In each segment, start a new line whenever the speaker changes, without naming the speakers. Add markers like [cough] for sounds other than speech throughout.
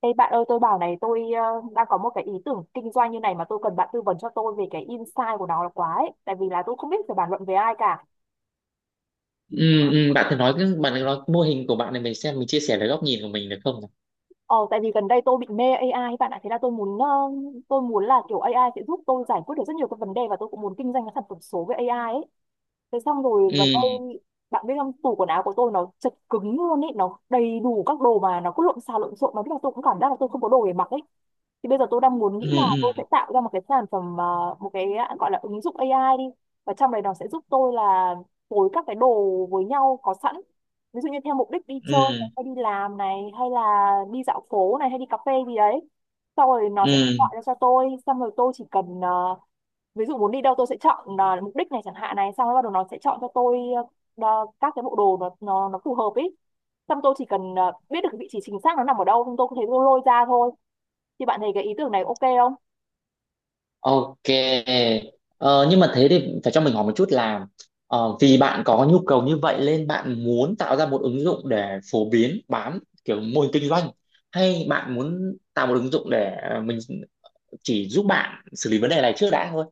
Ê bạn ơi, tôi bảo này, đang có một cái ý tưởng kinh doanh như này mà tôi cần bạn tư vấn cho tôi về cái insight của nó là quá ấy. Tại vì là tôi không biết phải bàn luận với ai cả.
Ừ, bạn thử nói cái mô hình của bạn này, mình xem mình chia sẻ cái góc nhìn của mình được không nào?
Ờ tại vì gần đây tôi bị mê AI ấy bạn ạ. Thế là tôi muốn là kiểu AI sẽ giúp tôi giải quyết được rất nhiều các vấn đề và tôi cũng muốn kinh doanh cái sản phẩm số với AI ấy. Thế xong rồi gần
ừ
đây bạn biết không, tủ quần áo của tôi nó chật cứng luôn ấy, nó đầy đủ các đồ mà nó cứ lộn xào lộn xộn mà biết là tôi cũng cảm giác là tôi không có đồ để mặc ấy. Thì bây giờ tôi đang muốn
ừ
nghĩ là tôi sẽ
ừ
tạo ra một cái một cái gọi là ứng dụng AI đi, và trong đấy nó sẽ giúp tôi là phối các cái đồ với nhau có sẵn, ví dụ như theo mục đích đi
ừ
chơi hay đi làm này, hay là đi dạo phố này, hay đi cà phê gì đấy, sau rồi nó sẽ
ừ.
gọi ra cho tôi. Xong rồi tôi chỉ cần ví dụ muốn đi đâu tôi sẽ chọn là mục đích này chẳng hạn này, xong rồi bắt đầu nó sẽ chọn cho tôi các cái bộ đồ nó phù hợp ấy, xong tôi chỉ cần biết được cái vị trí chính xác nó nằm ở đâu xong tôi có thể tôi lôi ra thôi. Thì bạn thấy cái ý tưởng này ok không?
Ok. Ờ, nhưng mà thế thì phải cho mình hỏi một chút là, vì bạn có nhu cầu như vậy nên bạn muốn tạo ra một ứng dụng để phổ biến bán kiểu mô hình kinh doanh, hay bạn muốn tạo một ứng dụng để mình chỉ giúp bạn xử lý vấn đề này trước đã thôi?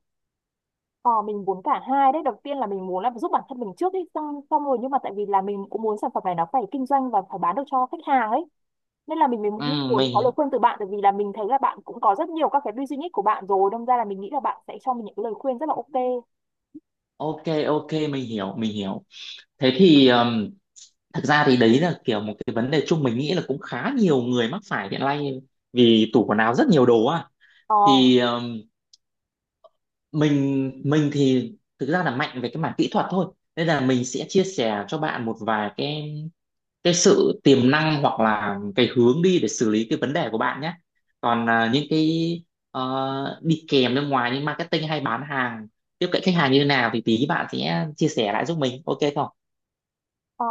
Ờ mình muốn cả hai đấy, đầu tiên là mình muốn là giúp bản thân mình trước ấy, xong xong rồi nhưng mà tại vì là mình cũng muốn sản phẩm này nó phải kinh doanh và phải bán được cho khách hàng ấy, nên là mình mới
ừ,
muốn muốn có lời
mình,
khuyên từ bạn, tại vì là mình thấy là bạn cũng có rất nhiều các cái business của bạn rồi, đâm ra là mình nghĩ là bạn sẽ cho mình những cái lời khuyên rất là ok.
ok ok, mình hiểu mình hiểu. Thế thì, thực ra thì đấy là kiểu một cái vấn đề chung, mình nghĩ là cũng khá nhiều người mắc phải hiện nay, vì tủ quần áo rất nhiều đồ à.
Ờ.
Thì, mình thì thực ra là mạnh về cái mảng kỹ thuật thôi, nên là mình sẽ chia sẻ cho bạn một vài cái sự tiềm năng hoặc là cái hướng đi để xử lý cái vấn đề của bạn nhé. Còn những cái đi kèm bên ngoài như marketing hay bán hàng, tiếp cận khách hàng như thế nào thì tí bạn sẽ chia sẻ lại giúp mình, ok không?
Ờ,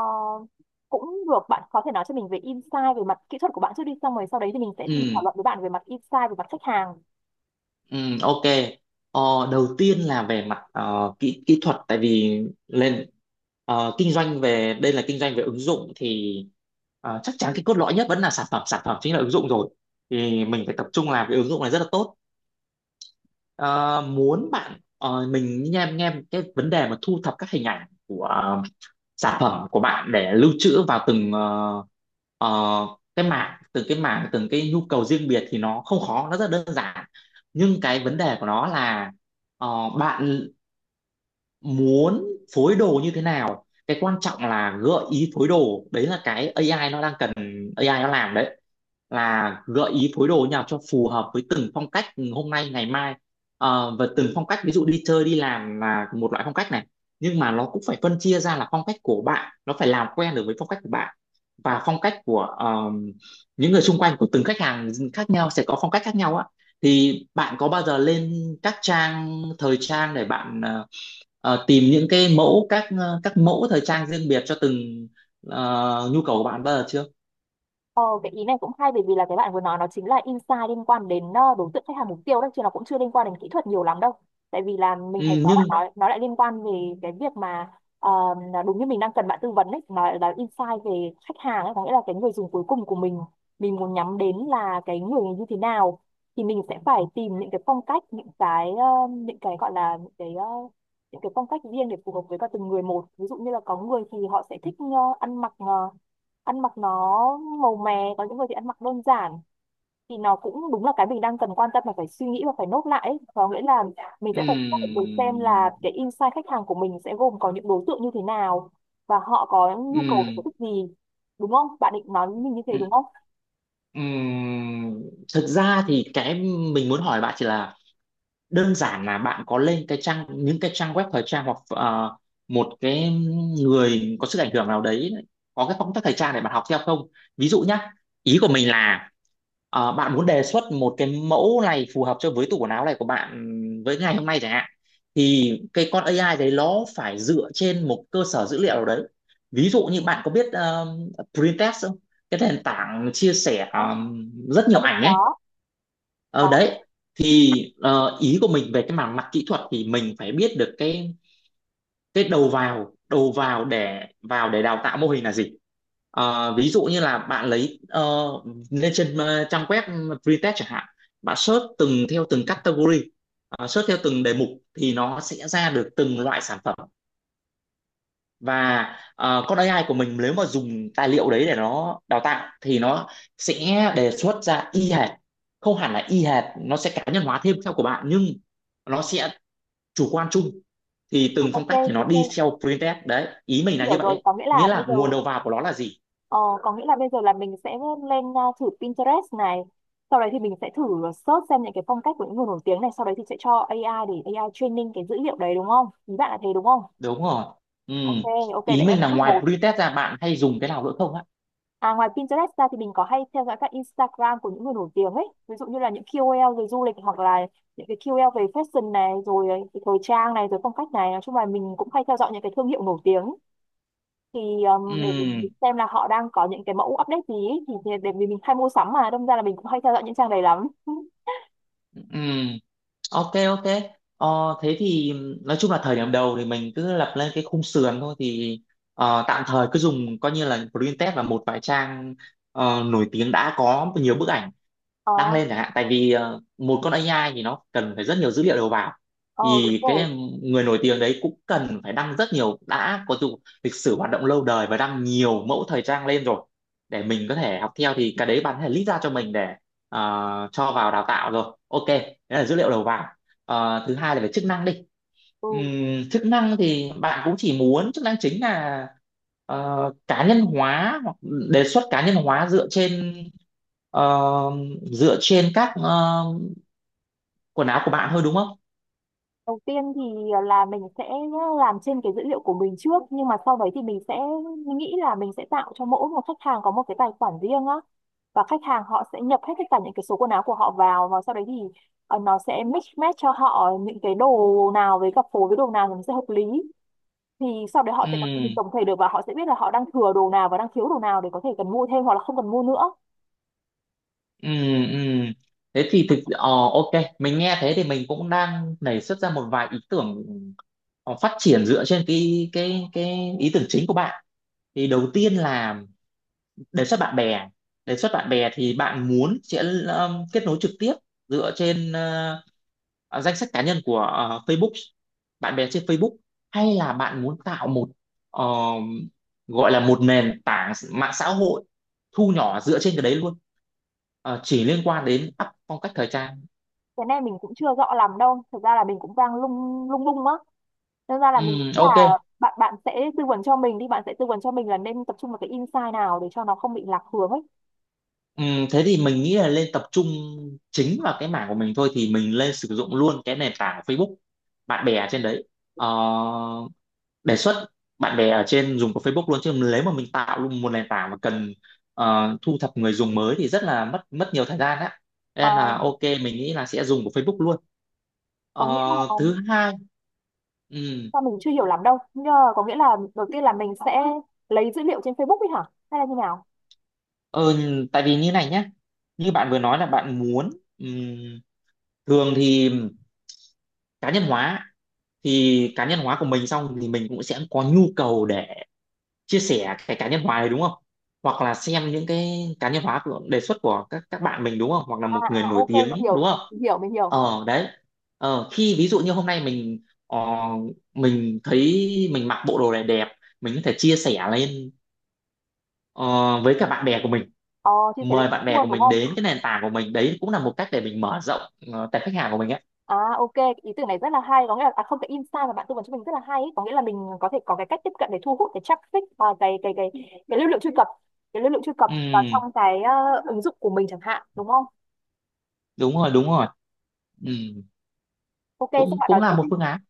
cũng được, bạn có thể nói cho mình về insight về mặt kỹ thuật của bạn trước đi, xong rồi sau đấy thì mình sẽ cùng
Ừ.
thảo luận với bạn về mặt insight về mặt khách hàng.
Ừ, ok. Ờ, Đầu tiên là về mặt ờ, kỹ kỹ thuật, tại vì lên, kinh doanh về đây là kinh doanh về ứng dụng, thì chắc chắn cái cốt lõi nhất vẫn là sản phẩm, sản phẩm chính là ứng dụng rồi, thì mình phải tập trung làm cái ứng dụng này rất là tốt. Mình nghe em nghe cái vấn đề mà thu thập các hình ảnh của sản phẩm của bạn để lưu trữ vào từng ờ, cái mảng từng cái mảng từng cái nhu cầu riêng biệt thì nó không khó, nó rất đơn giản. Nhưng cái vấn đề của nó là, ờ, bạn muốn phối đồ như thế nào, cái quan trọng là gợi ý phối đồ, đấy là cái AI nó đang cần, AI nó làm đấy, là gợi ý phối đồ như nào cho phù hợp với từng phong cách hôm nay ngày mai. Và từng phong cách, ví dụ đi chơi đi làm là một loại phong cách này, nhưng mà nó cũng phải phân chia ra là phong cách của bạn, nó phải làm quen được với phong cách của bạn và phong cách của những người xung quanh, của từng khách hàng khác nhau sẽ có phong cách khác nhau á. Thì bạn có bao giờ lên các trang thời trang để bạn tìm những cái mẫu, các các mẫu thời trang riêng biệt cho từng nhu cầu của bạn bao giờ chưa?
Ờ, cái ý này cũng hay, bởi vì là cái bạn vừa nói nó chính là insight liên quan đến đối tượng khách hàng mục tiêu đấy, chứ nó cũng chưa liên quan đến kỹ thuật nhiều lắm đâu. Tại vì là mình
Ừ,
thấy có bạn
nhưng,
nói nó lại liên quan về cái việc mà ờ, là đúng như mình đang cần bạn tư vấn đấy, nó là insight về khách hàng ấy, có nghĩa là cái người dùng cuối cùng của mình muốn nhắm đến là cái người như thế nào, thì mình sẽ phải tìm những cái phong cách, những cái gọi là những cái phong cách riêng để phù hợp với cả từng người một. Ví dụ như là có người thì họ sẽ thích ăn mặc ờ, ăn mặc nó màu mè, có những người thì ăn mặc đơn giản. Thì nó cũng đúng là cái mình đang cần quan tâm và phải suy nghĩ và phải nốt lại ấy. Có nghĩa là mình sẽ phải xác định được xem là
ừm,
cái insight khách hàng của mình sẽ gồm có những đối tượng như thế nào và họ có nhu cầu và sở
ừm,
thích gì. Đúng không, bạn định nói với mình như thế
ừm,
đúng không?
ừm, thực ra thì cái mình muốn hỏi bạn chỉ là, đơn giản là bạn có lên cái trang những cái trang web thời trang, hoặc một cái người có sức ảnh hưởng nào đấy có cái phong cách thời trang để bạn học theo không? Ví dụ nhá, ý của mình là bạn muốn đề xuất một cái mẫu này phù hợp cho với tủ quần áo này của bạn với ngày hôm nay chẳng hạn, thì cái con AI đấy nó phải dựa trên một cơ sở dữ liệu nào đấy. Ví dụ như bạn có biết Pinterest không, cái nền tảng chia sẻ
Đó,
rất nhiều
con định
ảnh ấy.
có.
Ờ
Có.
đấy, thì ý của mình về cái mảng mặt kỹ thuật thì mình phải biết được cái đầu vào để đào tạo mô hình là gì. Ví dụ như là bạn lấy lên trên trang web Freetest chẳng hạn, bạn search theo từng category, search theo từng đề mục, thì nó sẽ ra được từng loại sản phẩm. Và con AI của mình nếu mà dùng tài liệu đấy để nó đào tạo thì nó sẽ đề xuất ra y hệt, không hẳn là y hệt, nó sẽ cá nhân hóa thêm theo của bạn, nhưng nó sẽ chủ quan chung, thì từng phong
Ok
cách thì nó
ok,
đi theo printf đấy, ý mình là như
hiểu
vậy
rồi,
đấy.
có nghĩa
Nghĩa
là bây
là
giờ.
nguồn đầu vào của nó là gì.
Ờ, có nghĩa là bây giờ là mình sẽ lên thử Pinterest này, sau đấy thì mình sẽ thử search xem những cái phong cách của những người nổi tiếng này, sau đấy thì sẽ cho AI để AI training cái dữ liệu đấy, đúng không, ý bạn là thế đúng không?
Đúng rồi.
Ok
Ừm.
ok,
Ý
đấy là
mình
sẽ
là
bước
ngoài
một.
printf ra bạn hay dùng cái nào nữa không ạ?
À, ngoài Pinterest ra thì mình có hay theo dõi các Instagram của những người nổi tiếng ấy, ví dụ như là những KOL về du lịch hoặc là những cái KOL về fashion này rồi, cái thời trang này rồi, phong cách này. Nói chung là mình cũng hay theo dõi những cái thương hiệu nổi tiếng, thì để mình
Ừm,
xem là họ đang có những cái mẫu update gì ý. Thì để vì mình hay mua sắm mà đâm ra là mình cũng hay theo dõi những trang này lắm. [laughs]
ừm. Ok ok. Ờ, Thế thì nói chung là thời điểm đầu thì mình cứ lập lên cái khung sườn thôi, thì tạm thời cứ dùng coi như là print test và một vài trang nổi tiếng đã có nhiều bức ảnh
Ờ.
đăng lên chẳng hạn, tại vì một con AI thì nó cần phải rất nhiều dữ liệu đầu vào,
Ờ đúng
thì
rồi.
cái người nổi tiếng đấy cũng cần phải đăng rất nhiều, đã có dù lịch sử hoạt động lâu đời và đăng nhiều mẫu thời trang lên rồi để mình có thể học theo, thì cái đấy bạn có thể list ra cho mình để cho vào đào tạo rồi, ok, đấy là dữ liệu đầu vào. Thứ hai là về chức năng đi.
Ừ.
Chức năng thì bạn cũng chỉ muốn chức năng chính là ờ, cá nhân hóa, hoặc đề xuất cá nhân hóa dựa trên ờ, dựa trên các quần áo của bạn thôi đúng không?
Đầu tiên thì là mình sẽ làm trên cái dữ liệu của mình trước, nhưng mà sau đấy thì mình sẽ nghĩ là mình sẽ tạo cho mỗi một khách hàng có một cái tài khoản riêng á, và khách hàng họ sẽ nhập hết tất cả những cái số quần áo của họ vào, và sau đấy thì nó sẽ mix match cho họ những cái đồ nào với cặp phối với đồ nào thì nó sẽ hợp lý. Thì sau đấy họ
Ừ,
sẽ có cái nhìn tổng thể được, và họ sẽ biết là họ đang thừa đồ nào và đang thiếu đồ nào để có thể cần mua thêm hoặc là không cần mua nữa.
ừ, ừ. Thế thì ok, mình nghe thế thì mình cũng đang nảy xuất ra một vài ý tưởng phát triển dựa trên cái ý tưởng chính của bạn. Thì đầu tiên là đề xuất bạn bè, đề xuất bạn bè thì bạn muốn sẽ kết nối trực tiếp dựa trên danh sách cá nhân của Facebook, bạn bè trên Facebook, hay là bạn muốn tạo một ờ, gọi là một nền tảng mạng xã hội thu nhỏ dựa trên cái đấy luôn, chỉ liên quan đến up phong cách thời trang?
Cái này mình cũng chưa rõ lắm đâu, thật ra là mình cũng đang lung lung lung á, nên ra là mình nghĩ
Ok.
là bạn bạn sẽ tư vấn cho mình đi, bạn sẽ tư vấn cho mình là nên tập trung vào cái insight nào để cho nó không bị lạc hướng ấy.
Thế thì mình nghĩ là lên tập trung chính vào cái mảng của mình thôi, thì mình lên sử dụng luôn cái nền tảng Facebook, bạn bè trên đấy. Ờ, Đề xuất bạn bè ở trên dùng của Facebook luôn, chứ nếu mà mình tạo luôn một nền tảng mà cần thu thập người dùng mới thì rất là mất mất nhiều thời gian á,
Ờ,
nên là ok mình nghĩ là sẽ dùng của Facebook luôn. Ờ,
có nghĩa là
Thứ hai, ừ,
sao, mình chưa hiểu lắm đâu, nhưng mà có nghĩa là đầu tiên là mình sẽ lấy dữ liệu trên Facebook ấy hả, hay là như nào?
ờ, tại vì như này nhá, như bạn vừa nói là bạn muốn ừm, thường thì cá nhân hóa, thì cá nhân hóa của mình xong thì mình cũng sẽ có nhu cầu để chia sẻ cái cá nhân hóa này đúng không, hoặc là xem những cái cá nhân hóa của đề xuất của các bạn mình đúng không, hoặc là
À,
một người
à
nổi
ok, mình
tiếng đúng
hiểu
không.
mình hiểu mình hiểu.
Ờ đấy, khi ví dụ như hôm nay mình mình thấy mình mặc bộ đồ này đẹp, mình có thể chia sẻ lên ờ, với cả bạn bè của mình,
Ờ, chia sẻ lên
mời bạn
Facebook
bè
luôn
của
đúng
mình
không?
đến cái nền tảng của mình, đấy cũng là một cách để mình mở rộng tệp khách hàng của mình ấy.
À ok, cái ý tưởng này rất là hay, có nghĩa là à, không, cái insight mà bạn tư vấn cho mình rất là hay ấy. Có nghĩa là mình có thể có cái cách tiếp cận để thu hút cái traffic và cái lưu lượng truy cập, cái lưu lượng truy cập vào
ừ,
trong cái ứng dụng của mình chẳng hạn, đúng không?
Đúng rồi đúng rồi. Ừ,
Ok, xong
cũng
bạn
cũng
nói tiếp
là một
đi.
phương án.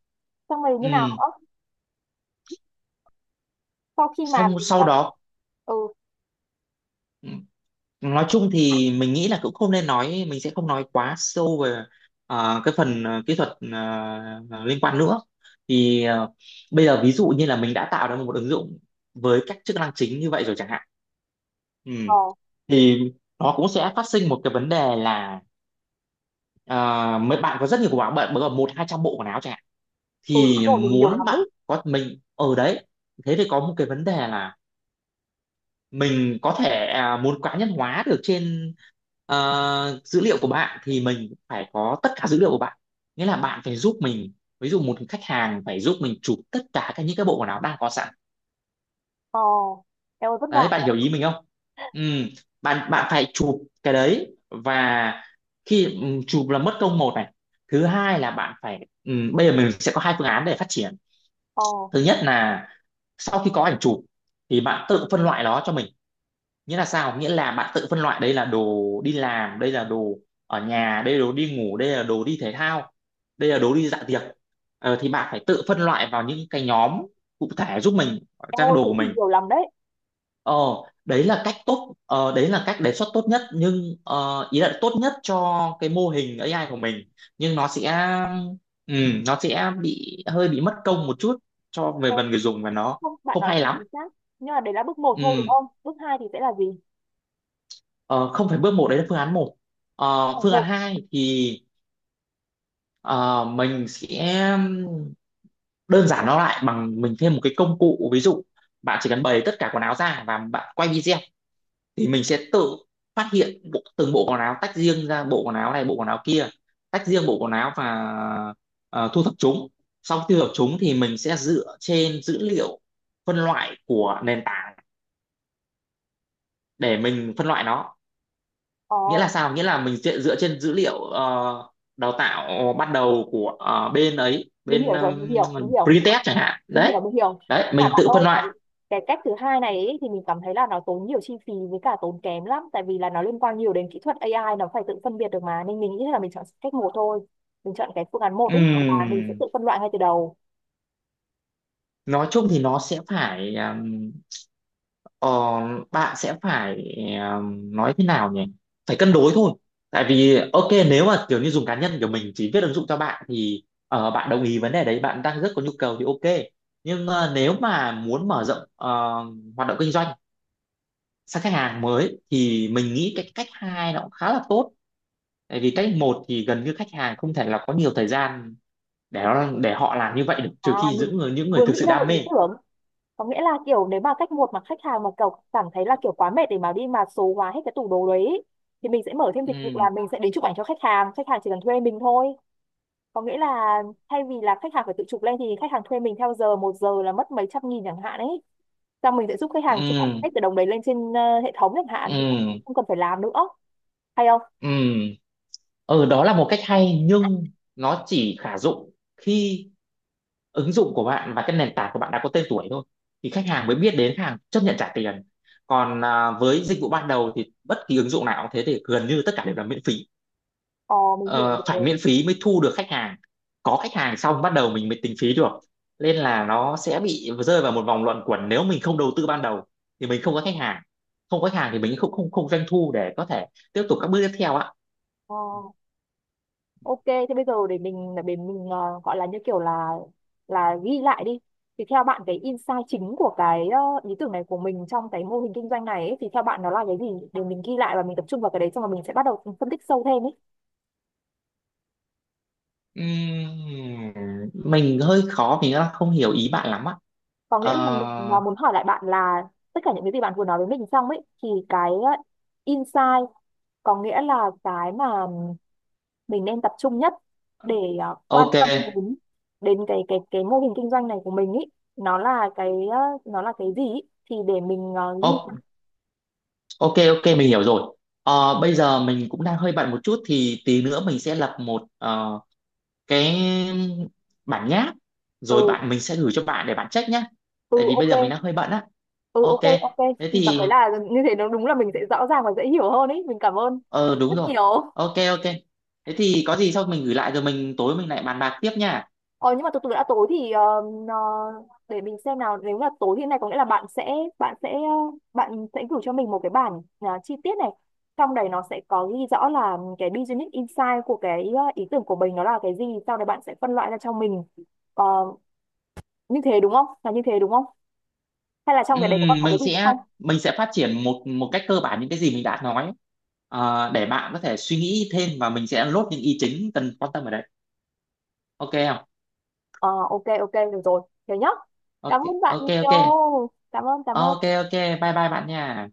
Xong rồi như
Ừ.
nào nữa? Sau khi mà
Xong
mình đã.
sau đó,
Ừ.
Ừ. nói chung thì mình nghĩ là cũng không nên nói, mình sẽ không nói quá sâu về cái phần kỹ thuật liên quan nữa, thì bây giờ ví dụ như là mình đã tạo ra một ứng dụng với các chức năng chính như vậy rồi chẳng hạn. Ừ.
Ờ.
Thì nó cũng sẽ phát sinh một cái vấn đề là ờ, mấy bạn có rất nhiều bộ áo, bạn có một hai trăm bộ quần áo chẳng hạn,
Ừ đúng
thì
rồi, mình nhiều
muốn
lắm
bạn
ấy.
có mình ở đấy. Thế thì có một cái vấn đề là mình có thể muốn cá nhân hóa được trên dữ liệu của bạn, thì mình phải có tất cả dữ liệu của bạn. Nghĩa là bạn phải giúp mình, ví dụ một khách hàng phải giúp mình chụp tất cả các những cái bộ quần áo đang có sẵn.
Ờ, em ơi vất
Đấy,
vả
bạn hiểu
nhỉ.
ý mình không? ừ, bạn bạn phải chụp cái đấy, và khi chụp là mất công một này. Thứ hai là bạn phải, bây giờ mình sẽ có hai phương án để phát triển.
Ờ,
Thứ nhất là sau khi có ảnh chụp thì bạn tự phân loại nó cho mình. Nghĩa là sao? Nghĩa là bạn tự phân loại đây là đồ đi làm, đây là đồ ở nhà, đây là đồ đi ngủ, đây là đồ đi thể thao, đây là đồ đi dạ tiệc. Ờ, thì bạn phải tự phân loại vào những cái nhóm cụ thể giúp mình,
em
trong cái
ơi
đồ
thế
của
thì
mình.
nhiều lắm đấy.
ờ Đấy là cách tốt, đấy là cách đề xuất tốt nhất, nhưng ý là tốt nhất cho cái mô hình AI của mình. Nhưng nó sẽ, ừ, nó sẽ bị hơi bị mất công một chút cho về
Ê,
phần người dùng, và nó
không, bạn
không
nói
hay
cũng
lắm.
chính xác. Nhưng mà đấy là bước một thôi đúng
Ừ.
không? Bước hai thì sẽ là gì?
Ờ, không phải bước một, đấy là phương án một. Ờ,
Ờ,
phương án
một,
hai thì ờ, mình sẽ đơn giản nó lại bằng mình thêm một cái công cụ. Ví dụ bạn chỉ cần bày tất cả quần áo ra và bạn quay video, thì mình sẽ tự phát hiện bộ, từng bộ quần áo tách riêng ra, bộ quần áo này bộ quần áo kia, tách riêng bộ quần áo và thu thập chúng. Sau khi thu thập chúng thì mình sẽ dựa trên dữ liệu phân loại của nền tảng để mình phân loại nó.
ờ,
Nghĩa là sao? Nghĩa là mình dựa trên dữ liệu đào tạo bắt đầu của bên ấy,
mình
bên
hiểu rồi, mình hiểu, mình hiểu.
Britest chẳng hạn
mình hiểu
đấy.
mình hiểu
Đấy,
Và
mình
bạn
tự
ơi,
phân
cái
loại.
cái cách thứ hai này ấy, thì mình cảm thấy là nó tốn nhiều chi phí với cả tốn kém lắm, tại vì là nó liên quan nhiều đến kỹ thuật AI, nó phải tự phân biệt được mà, nên mình nghĩ là mình chọn cách một thôi. Mình chọn cái phương án một ấy, tức là mình sẽ
Ừm,
tự phân loại ngay từ đầu.
nói chung thì nó sẽ phải, ờ, bạn sẽ phải, nói thế nào nhỉ, phải cân đối thôi. Tại vì ok, nếu mà kiểu như dùng cá nhân của mình chỉ viết ứng dụng cho bạn thì bạn đồng ý vấn đề đấy, bạn đang rất có nhu cầu thì ok. Nhưng nếu mà muốn mở rộng hoạt động kinh doanh sang khách hàng mới thì mình nghĩ cái cách hai nó cũng khá là tốt. Tại vì cách một thì gần như khách hàng không thể là có nhiều thời gian để để họ làm như vậy được,
À,
trừ khi
mình
những người
vừa
thực
nghĩ
sự
ra một
đam
ý
mê.
tưởng, có nghĩa là kiểu nếu mà cách một mà khách hàng mà kiểu cảm thấy là kiểu quá mệt để mà đi mà số hóa hết cái tủ đồ đấy ấy, thì mình sẽ mở thêm dịch vụ
Ừ.
là mình sẽ đến chụp ảnh cho khách hàng, khách hàng chỉ cần thuê mình thôi. Có nghĩa là thay vì là khách hàng phải tự chụp lên thì khách hàng thuê mình theo giờ, một giờ là mất mấy trăm nghìn chẳng hạn ấy, xong mình sẽ giúp khách
Ừ.
hàng chụp hết từ đồng đấy lên trên hệ thống chẳng hạn, thì
Ừ.
không cần phải làm nữa, hay không?
Ừ. Ừ, đó là một cách hay, nhưng nó chỉ khả dụng khi ứng dụng của bạn và cái nền tảng của bạn đã có tên tuổi thôi, thì khách hàng mới biết đến, khách hàng chấp nhận trả tiền. Còn với dịch vụ ban đầu thì bất kỳ ứng dụng nào cũng thế, thì gần như tất cả đều là miễn phí.
Ờ mình hiểu
Ờ, Phải
rồi.
miễn phí mới thu được khách hàng, có khách hàng xong bắt đầu mình mới tính phí được. Nên là nó sẽ bị rơi vào một vòng luẩn quẩn, nếu mình không đầu tư ban đầu thì mình không có khách hàng, không có khách hàng thì mình không không không doanh thu để có thể tiếp tục các bước tiếp theo ạ.
Ờ, ok, thế bây giờ để gọi là như kiểu là ghi lại đi, thì theo bạn cái insight chính của cái ý tưởng này của mình trong cái mô hình kinh doanh này ấy, thì theo bạn nó là cái gì, để mình ghi lại và mình tập trung vào cái đấy, xong rồi mình sẽ bắt đầu phân tích sâu thêm ấy.
Ừm, mình hơi khó, mình đang không hiểu ý bạn lắm á.
Có nghĩa là mình
Ờ,
muốn hỏi lại bạn là tất cả những cái gì bạn vừa nói với mình xong ấy, thì cái insight, có nghĩa là cái mà mình nên tập trung nhất để quan
ok.
tâm đến, đến cái mô hình kinh doanh này của mình ấy, nó là cái nó là cái gì ý, thì để mình ghi.
O- ok, mình hiểu rồi. Ờ, bây giờ mình cũng đang hơi bận một chút, thì tí nữa mình sẽ lập một cái bản nháp rồi
từ
mình sẽ gửi cho bạn để bạn check nhá.
từ
Tại vì bây
ok.
giờ mình đang hơi bận á.
Ừ
Ok.
ok ok.
Thế
Mình cảm thấy
thì,
là như thế nó đúng là mình sẽ rõ ràng và dễ hiểu hơn ấy, mình cảm ơn
ờ đúng
rất
rồi.
nhiều.
Ok, thế thì có gì sau mình gửi lại, rồi mình tối mình lại bàn bạc tiếp nha.
Ờ nhưng mà từ từ đã, tối thì ờ, để mình xem nào, nếu là tối thì này, có nghĩa là bạn sẽ gửi cho mình một cái bản chi tiết này, trong đấy nó sẽ có ghi rõ là cái business insight của cái ý tưởng của mình nó là cái gì, sau đấy bạn sẽ phân loại ra cho mình. Ờ, như thế đúng không, là như thế đúng không, hay là trong cái đấy có
Ừm,
còn
mình
cái gì nữa
sẽ
không?
mình sẽ phát triển một một cách cơ bản những cái gì mình đã nói. Ờ, để bạn có thể suy nghĩ thêm, và mình sẽ lốt những ý chính cần quan tâm ở đấy. Ok không?
Ờ ok ok được rồi, thế nhá,
Ok
cảm ơn bạn
ok. Ok
nhiều, cảm ơn cảm
ok.
ơn
Ok Bye bye bạn nha.